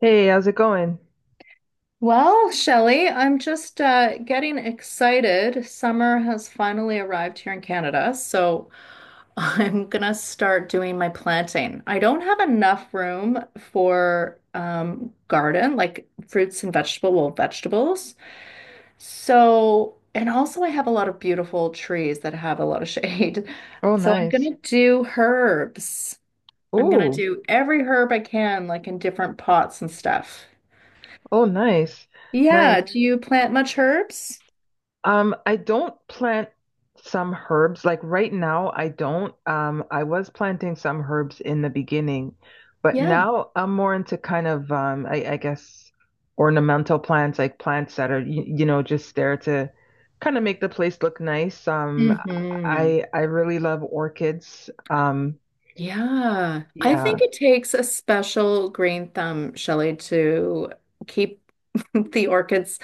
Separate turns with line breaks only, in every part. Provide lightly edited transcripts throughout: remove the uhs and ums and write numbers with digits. Hey, how's it going?
Well, Shelley, I'm just getting excited. Summer has finally arrived here in Canada, so I'm gonna start doing my planting. I don't have enough room for garden, like fruits and vegetable, well, vegetables. So, and also I have a lot of beautiful trees that have a lot of shade.
Oh,
So I'm
nice.
gonna do herbs. I'm gonna
Oh,
do every herb I can, like in different pots and stuff.
oh, nice.
Yeah,
Nice.
do you plant much herbs?
I don't plant some herbs. Like right now, I don't. I was planting some herbs in the beginning, but
Yeah.
now I'm more into kind of, I guess ornamental plants, like plants that are just there to kind of make the place look nice.
Hmm.
I really love orchids.
Yeah. I
Yeah.
think it takes a special green thumb, Shelley, to keep the orchids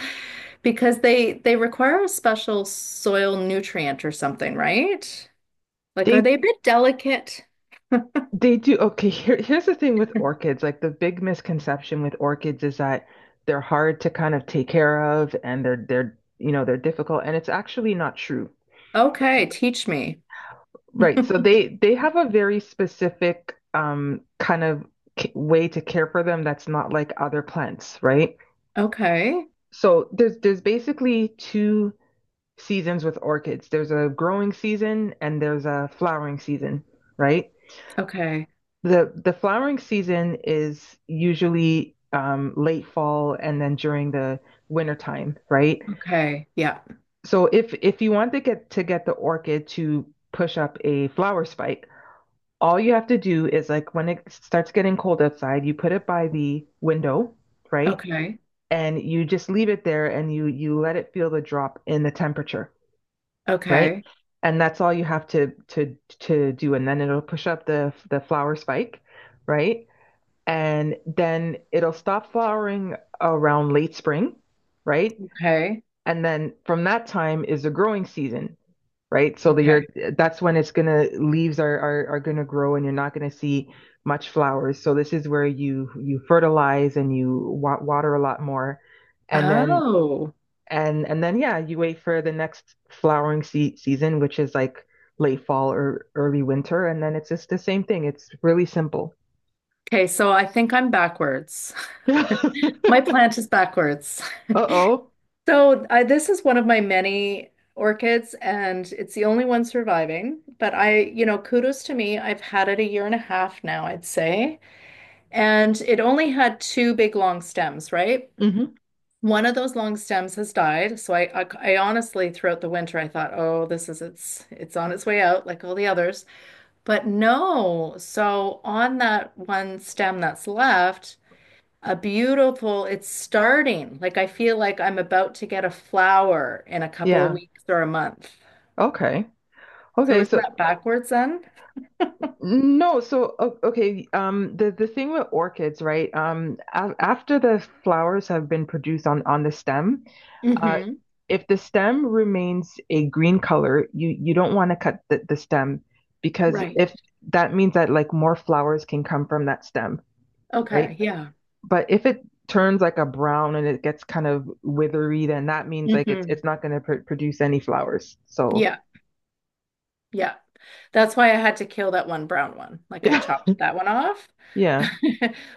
because they require a special soil nutrient or something, right? Like, are
They
they a bit delicate?
They do. Okay, here's the thing with orchids. Like the big misconception with orchids is that they're hard to kind of take care of and they're they're difficult and it's actually not true.
Okay, teach me.
Right. So they have a very specific kind of c way to care for them that's not like other plants, right?
Okay.
So there's basically two seasons with orchids. There's a growing season and there's a flowering season, right?
Okay.
The flowering season is usually late fall and then during the winter time, right?
Okay. Yeah.
So if you want to get the orchid to push up a flower spike, all you have to do is like when it starts getting cold outside, you put it by the window, right?
Okay.
And you just leave it there and you let it feel the drop in the temperature, right?
Okay.
And that's all you have to do, and then it'll push up the flower spike, right? And then it'll stop flowering around late spring, right?
Okay.
And then from that time is the growing season, right? So the year
Okay.
that's when it's gonna leaves are gonna grow and you're not gonna see much flowers. So this is where you fertilize and you water a lot more, and then
Oh.
and then yeah, you wait for the next flowering season, which is like late fall or early winter, and then it's just the same thing. It's really simple.
Okay, so I think I'm backwards. My
Uh-oh.
plant is backwards. So I, this is one of my many orchids, and it's the only one surviving. But I, you know, kudos to me. I've had it a year and a half now, I'd say. And it only had two big long stems, right?
Hmm.
One of those long stems has died. So I honestly, throughout the winter, I thought, oh, this is it's on its way out, like all the others. But no. So on that one stem that's left. A beautiful, it's starting. Like I feel like I'm about to get a flower in a couple of
Yeah.
weeks or a month.
Okay.
So
Okay.
isn't
So
that backwards then?
no. So okay. The thing with orchids, right? A after the flowers have been produced on the stem, uh,
Mm-hmm.
if the stem remains a green color, you don't want to cut the stem because
Right.
if that means that like more flowers can come from that stem, right?
Okay. Yeah.
But if it turns like a brown and it gets kind of withery, then that means like it's
Mm-hmm.
it's not going to pr produce any flowers. So
Yeah. Yeah. That's why I had to kill that one brown one. Like I chopped that one off.
yeah.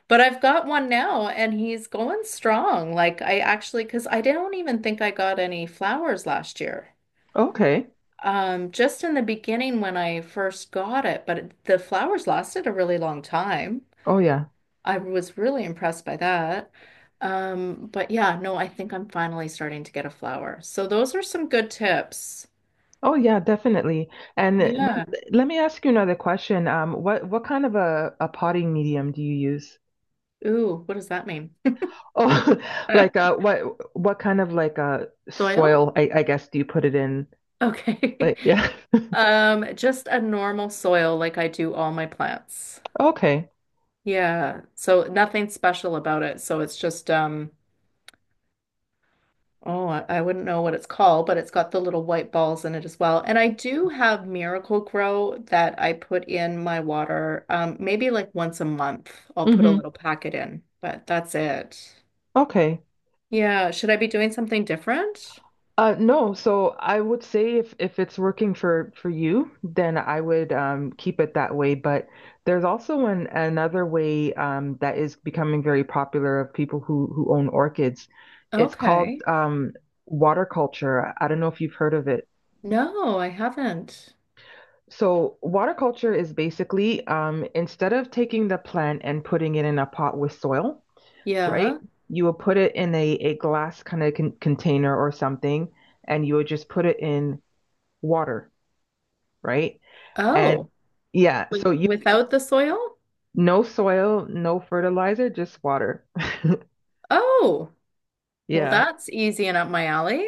But I've got one now and he's going strong. Like I actually, because I don't even think I got any flowers last year.
Okay.
Just in the beginning when I first got it, but it, the flowers lasted a really long time.
Oh yeah.
I was really impressed by that. But yeah, no, I think I'm finally starting to get a flower. So those are some good tips.
Oh yeah, definitely. And
Yeah.
let me ask you another question. What kind of a potting medium do you use?
Ooh, what does that mean?
Oh, like what kind of like
Soil?
soil I guess do you put it in?
Okay.
Like yeah.
Just a normal soil like I do all my plants.
Okay.
Yeah. So nothing special about it. So it's just. Oh, I wouldn't know what it's called, but it's got the little white balls in it as well. And I do have Miracle-Gro that I put in my water. Maybe like once a month, I'll put a
Mm-hmm.
little packet in, but that's it.
Okay.
Yeah, should I be doing something different?
No, so I would say if it's working for you, then I would keep it that way. But there's also another way that is becoming very popular of people who own orchids. It's called
Okay.
water culture. I don't know if you've heard of it.
No, I haven't.
So water culture is basically instead of taking the plant and putting it in a pot with soil, right?
Yeah.
You will put it in a glass kind of container or something, and you would just put it in water. Right? And
Oh,
yeah,
with,
so you
without the soil?
no soil, no fertilizer, just water.
Oh, well,
Yeah.
that's easy and up my alley.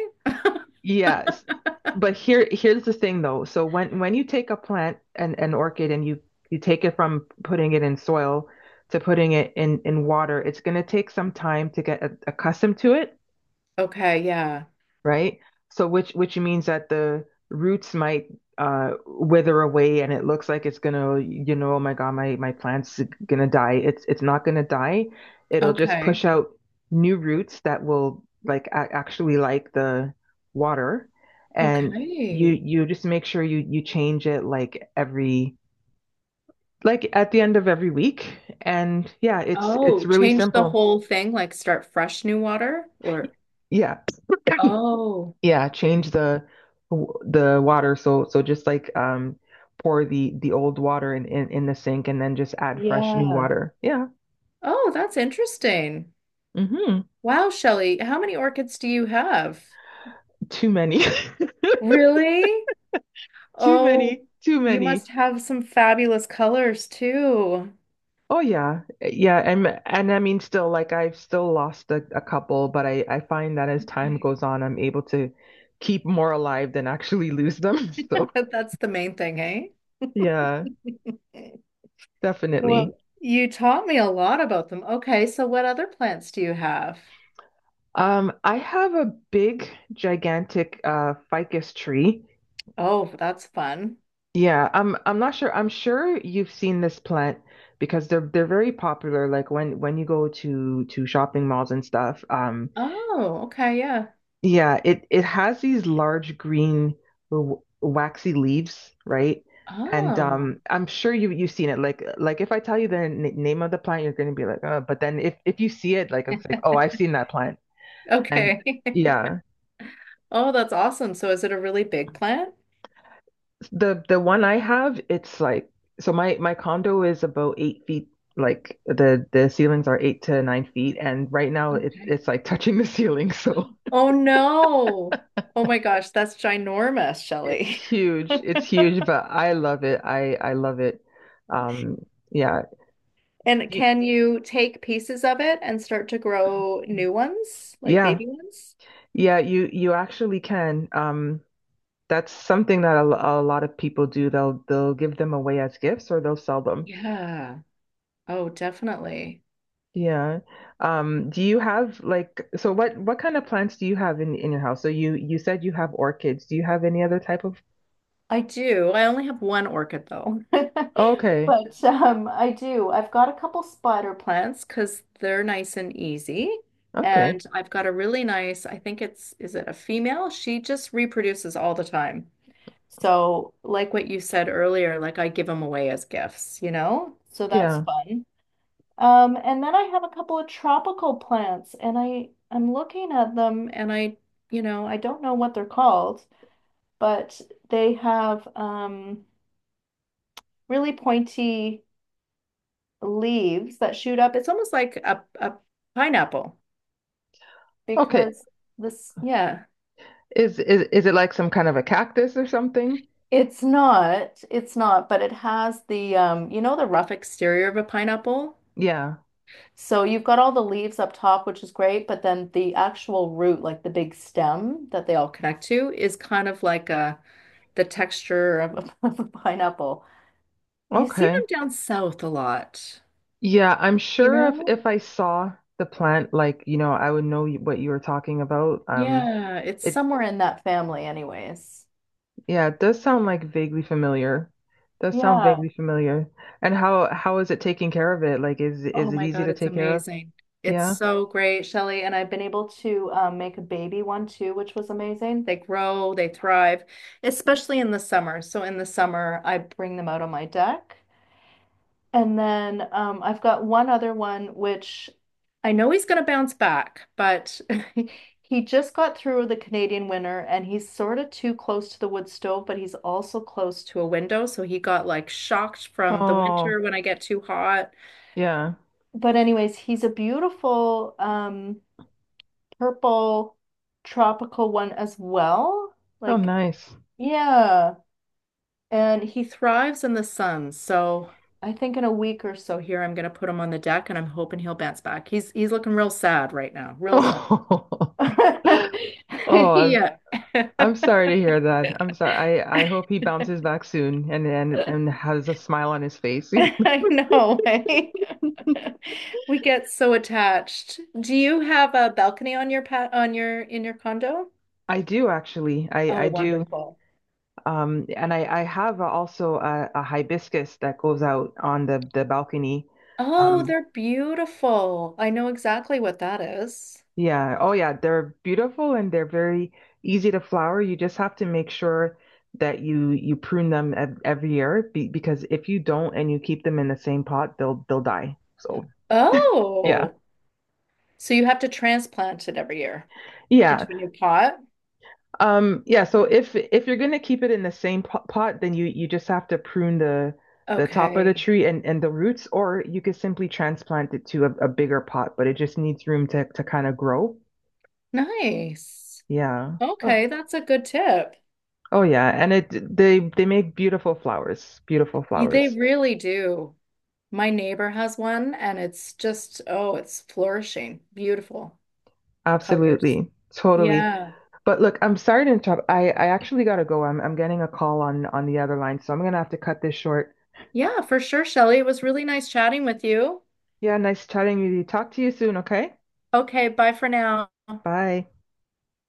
Yes. But here's the thing though. So when you take a plant and an orchid and you take it from putting it in soil to putting it in water, it's going to take some time to get accustomed to it.
Okay, yeah.
Right? So which means that the roots might wither away and it looks like it's gonna, you know, oh my God, my plant's gonna die. It's not gonna die. It'll just
Okay.
push out new roots that will like a actually like the water, and you
Okay.
you just make sure you change it like every like at the end of every week and yeah, it's
Oh,
it's really
change the
simple.
whole thing, like start fresh new water or
Yeah.
oh.
Yeah, change
Okay.
the water. So so just like pour the old water in the sink and then just add fresh new
Yeah.
water. Yeah.
Oh, that's interesting.
Hmm.
Wow, Shelley, how many orchids do you have?
Too many.
Really?
Too
Oh,
many. Too
you
many.
must have some fabulous colors too.
Oh yeah. Eh, yeah, and I mean still like I've still lost a couple, but I find that as time goes on, I'm able to keep more alive than actually lose them. So
But that's the main thing, eh?
yeah,
Well,
definitely.
you taught me a lot about them. Okay, so what other plants do you have?
I have a big, gigantic ficus tree.
Oh, that's fun.
Yeah, I'm not sure. I'm sure you've seen this plant because they're very popular. Like when you go to shopping malls and stuff.
Oh, okay, yeah.
Yeah, it has these large green waxy leaves, right? And
Oh,
I'm sure you've seen it. Like if I tell you the n name of the plant, you're gonna be like, oh. But then if you see it, like it's like, oh, I've seen that plant. And
okay.
yeah.
Oh, that's awesome. So is it a really big plant?
The one I have, it's like so my condo is about 8 feet, like the ceilings are 8 to 9 feet, and right now it
Okay.
it's like touching the ceiling, so
Oh no. Oh my gosh, that's ginormous,
it's
Shelley.
huge. It's huge, but I love it. I love it. Um, yeah.
And
You-
can you take pieces of it and start to grow new ones, like
Yeah,
baby ones?
yeah, you actually can. That's something that a lot of people do. They'll give them away as gifts or they'll sell them.
Yeah. Oh, definitely.
Yeah. Do you have like so what kind of plants do you have in your house? So you said you have orchids. Do you have any other type of?
I do. I only have one orchid though.
Okay.
But I do. I've got a couple spider plants because they're nice and easy.
Okay.
And I've got a really nice, I think it's, is it a female? She just reproduces all the time. So, like what you said earlier, like I give them away as gifts, you know? So that's
Yeah.
fun. And then I have a couple of tropical plants and I'm looking at them and I, you know, I don't know what they're called, but they have really pointy leaves that shoot up. It's almost like a pineapple
Okay.
because this, yeah,
Is it like some kind of a cactus or something?
it's not, but it has the, you know, the rough exterior of a pineapple.
Yeah.
So you've got all the leaves up top, which is great, but then the actual root, like the big stem that they all connect to, is kind of like a the texture of of a pineapple. You see
Okay.
them down south a lot,
Yeah, I'm
you
sure if
know?
if I saw the plant like, you know, I would know what you were talking about.
Yeah, it's
It
somewhere in that family anyways.
yeah, it does sound like vaguely familiar. Does sound
Yeah.
vaguely familiar. And how is it taking care of it? Like is
Oh
is it
my
easy
God,
to
it's
take care of?
amazing. It's
Yeah.
so great, Shelly. And I've been able to make a baby one too, which was amazing. They grow, they thrive, especially in the summer. So in the summer, I bring them out on my deck. And then I've got one other one, which I know he's going to bounce back, but he just got through the Canadian winter and he's sort of too close to the wood stove, but he's also close to a window. So he got like shocked from the winter
Oh,
when I get too hot.
yeah.
But anyways, he's a beautiful purple tropical one as well.
Oh,
Like,
nice.
yeah. And he thrives in the sun. So I think in a week or so here I'm gonna put him on the deck and I'm hoping he'll bounce back. He's looking real sad right now. Real sad.
Oh, oh, I'm
Yeah.
I'm sorry to hear that. I'm sorry. I hope he bounces back soon and and has a smile on his face.
I know. Eh? We get so attached. Do you have a balcony on your in your condo?
I do actually. I
Oh,
do.
wonderful.
And I have also a hibiscus that goes out on the balcony.
Oh,
Um,
they're beautiful. I know exactly what that is.
Yeah. Oh, yeah. They're beautiful and they're very easy to flower. You just have to make sure that you prune them ev every year because if you don't and you keep them in the same pot, they'll die. So, yeah.
Oh, so you have to transplant it every year
Yeah.
into a new pot?
Yeah, so if you're going to keep it in the same po pot, then you just have to prune the top of the
Okay,
tree and the roots or you could simply transplant it to a bigger pot, but it just needs room to kind of grow.
nice.
Yeah.
Okay, that's a good tip.
Oh yeah, and it they make beautiful flowers, beautiful
Y- They
flowers.
really do. My neighbor has one and it's just, oh, it's flourishing. Beautiful colors.
Absolutely. Totally.
Yeah.
But look, I'm sorry to interrupt. I actually gotta go. I'm getting a call on the other line, so I'm gonna have to cut this short.
Yeah, for sure, Shelley. It was really nice chatting with you.
Yeah, nice chatting with you. Talk to you soon, okay?
Okay, bye for now.
Bye.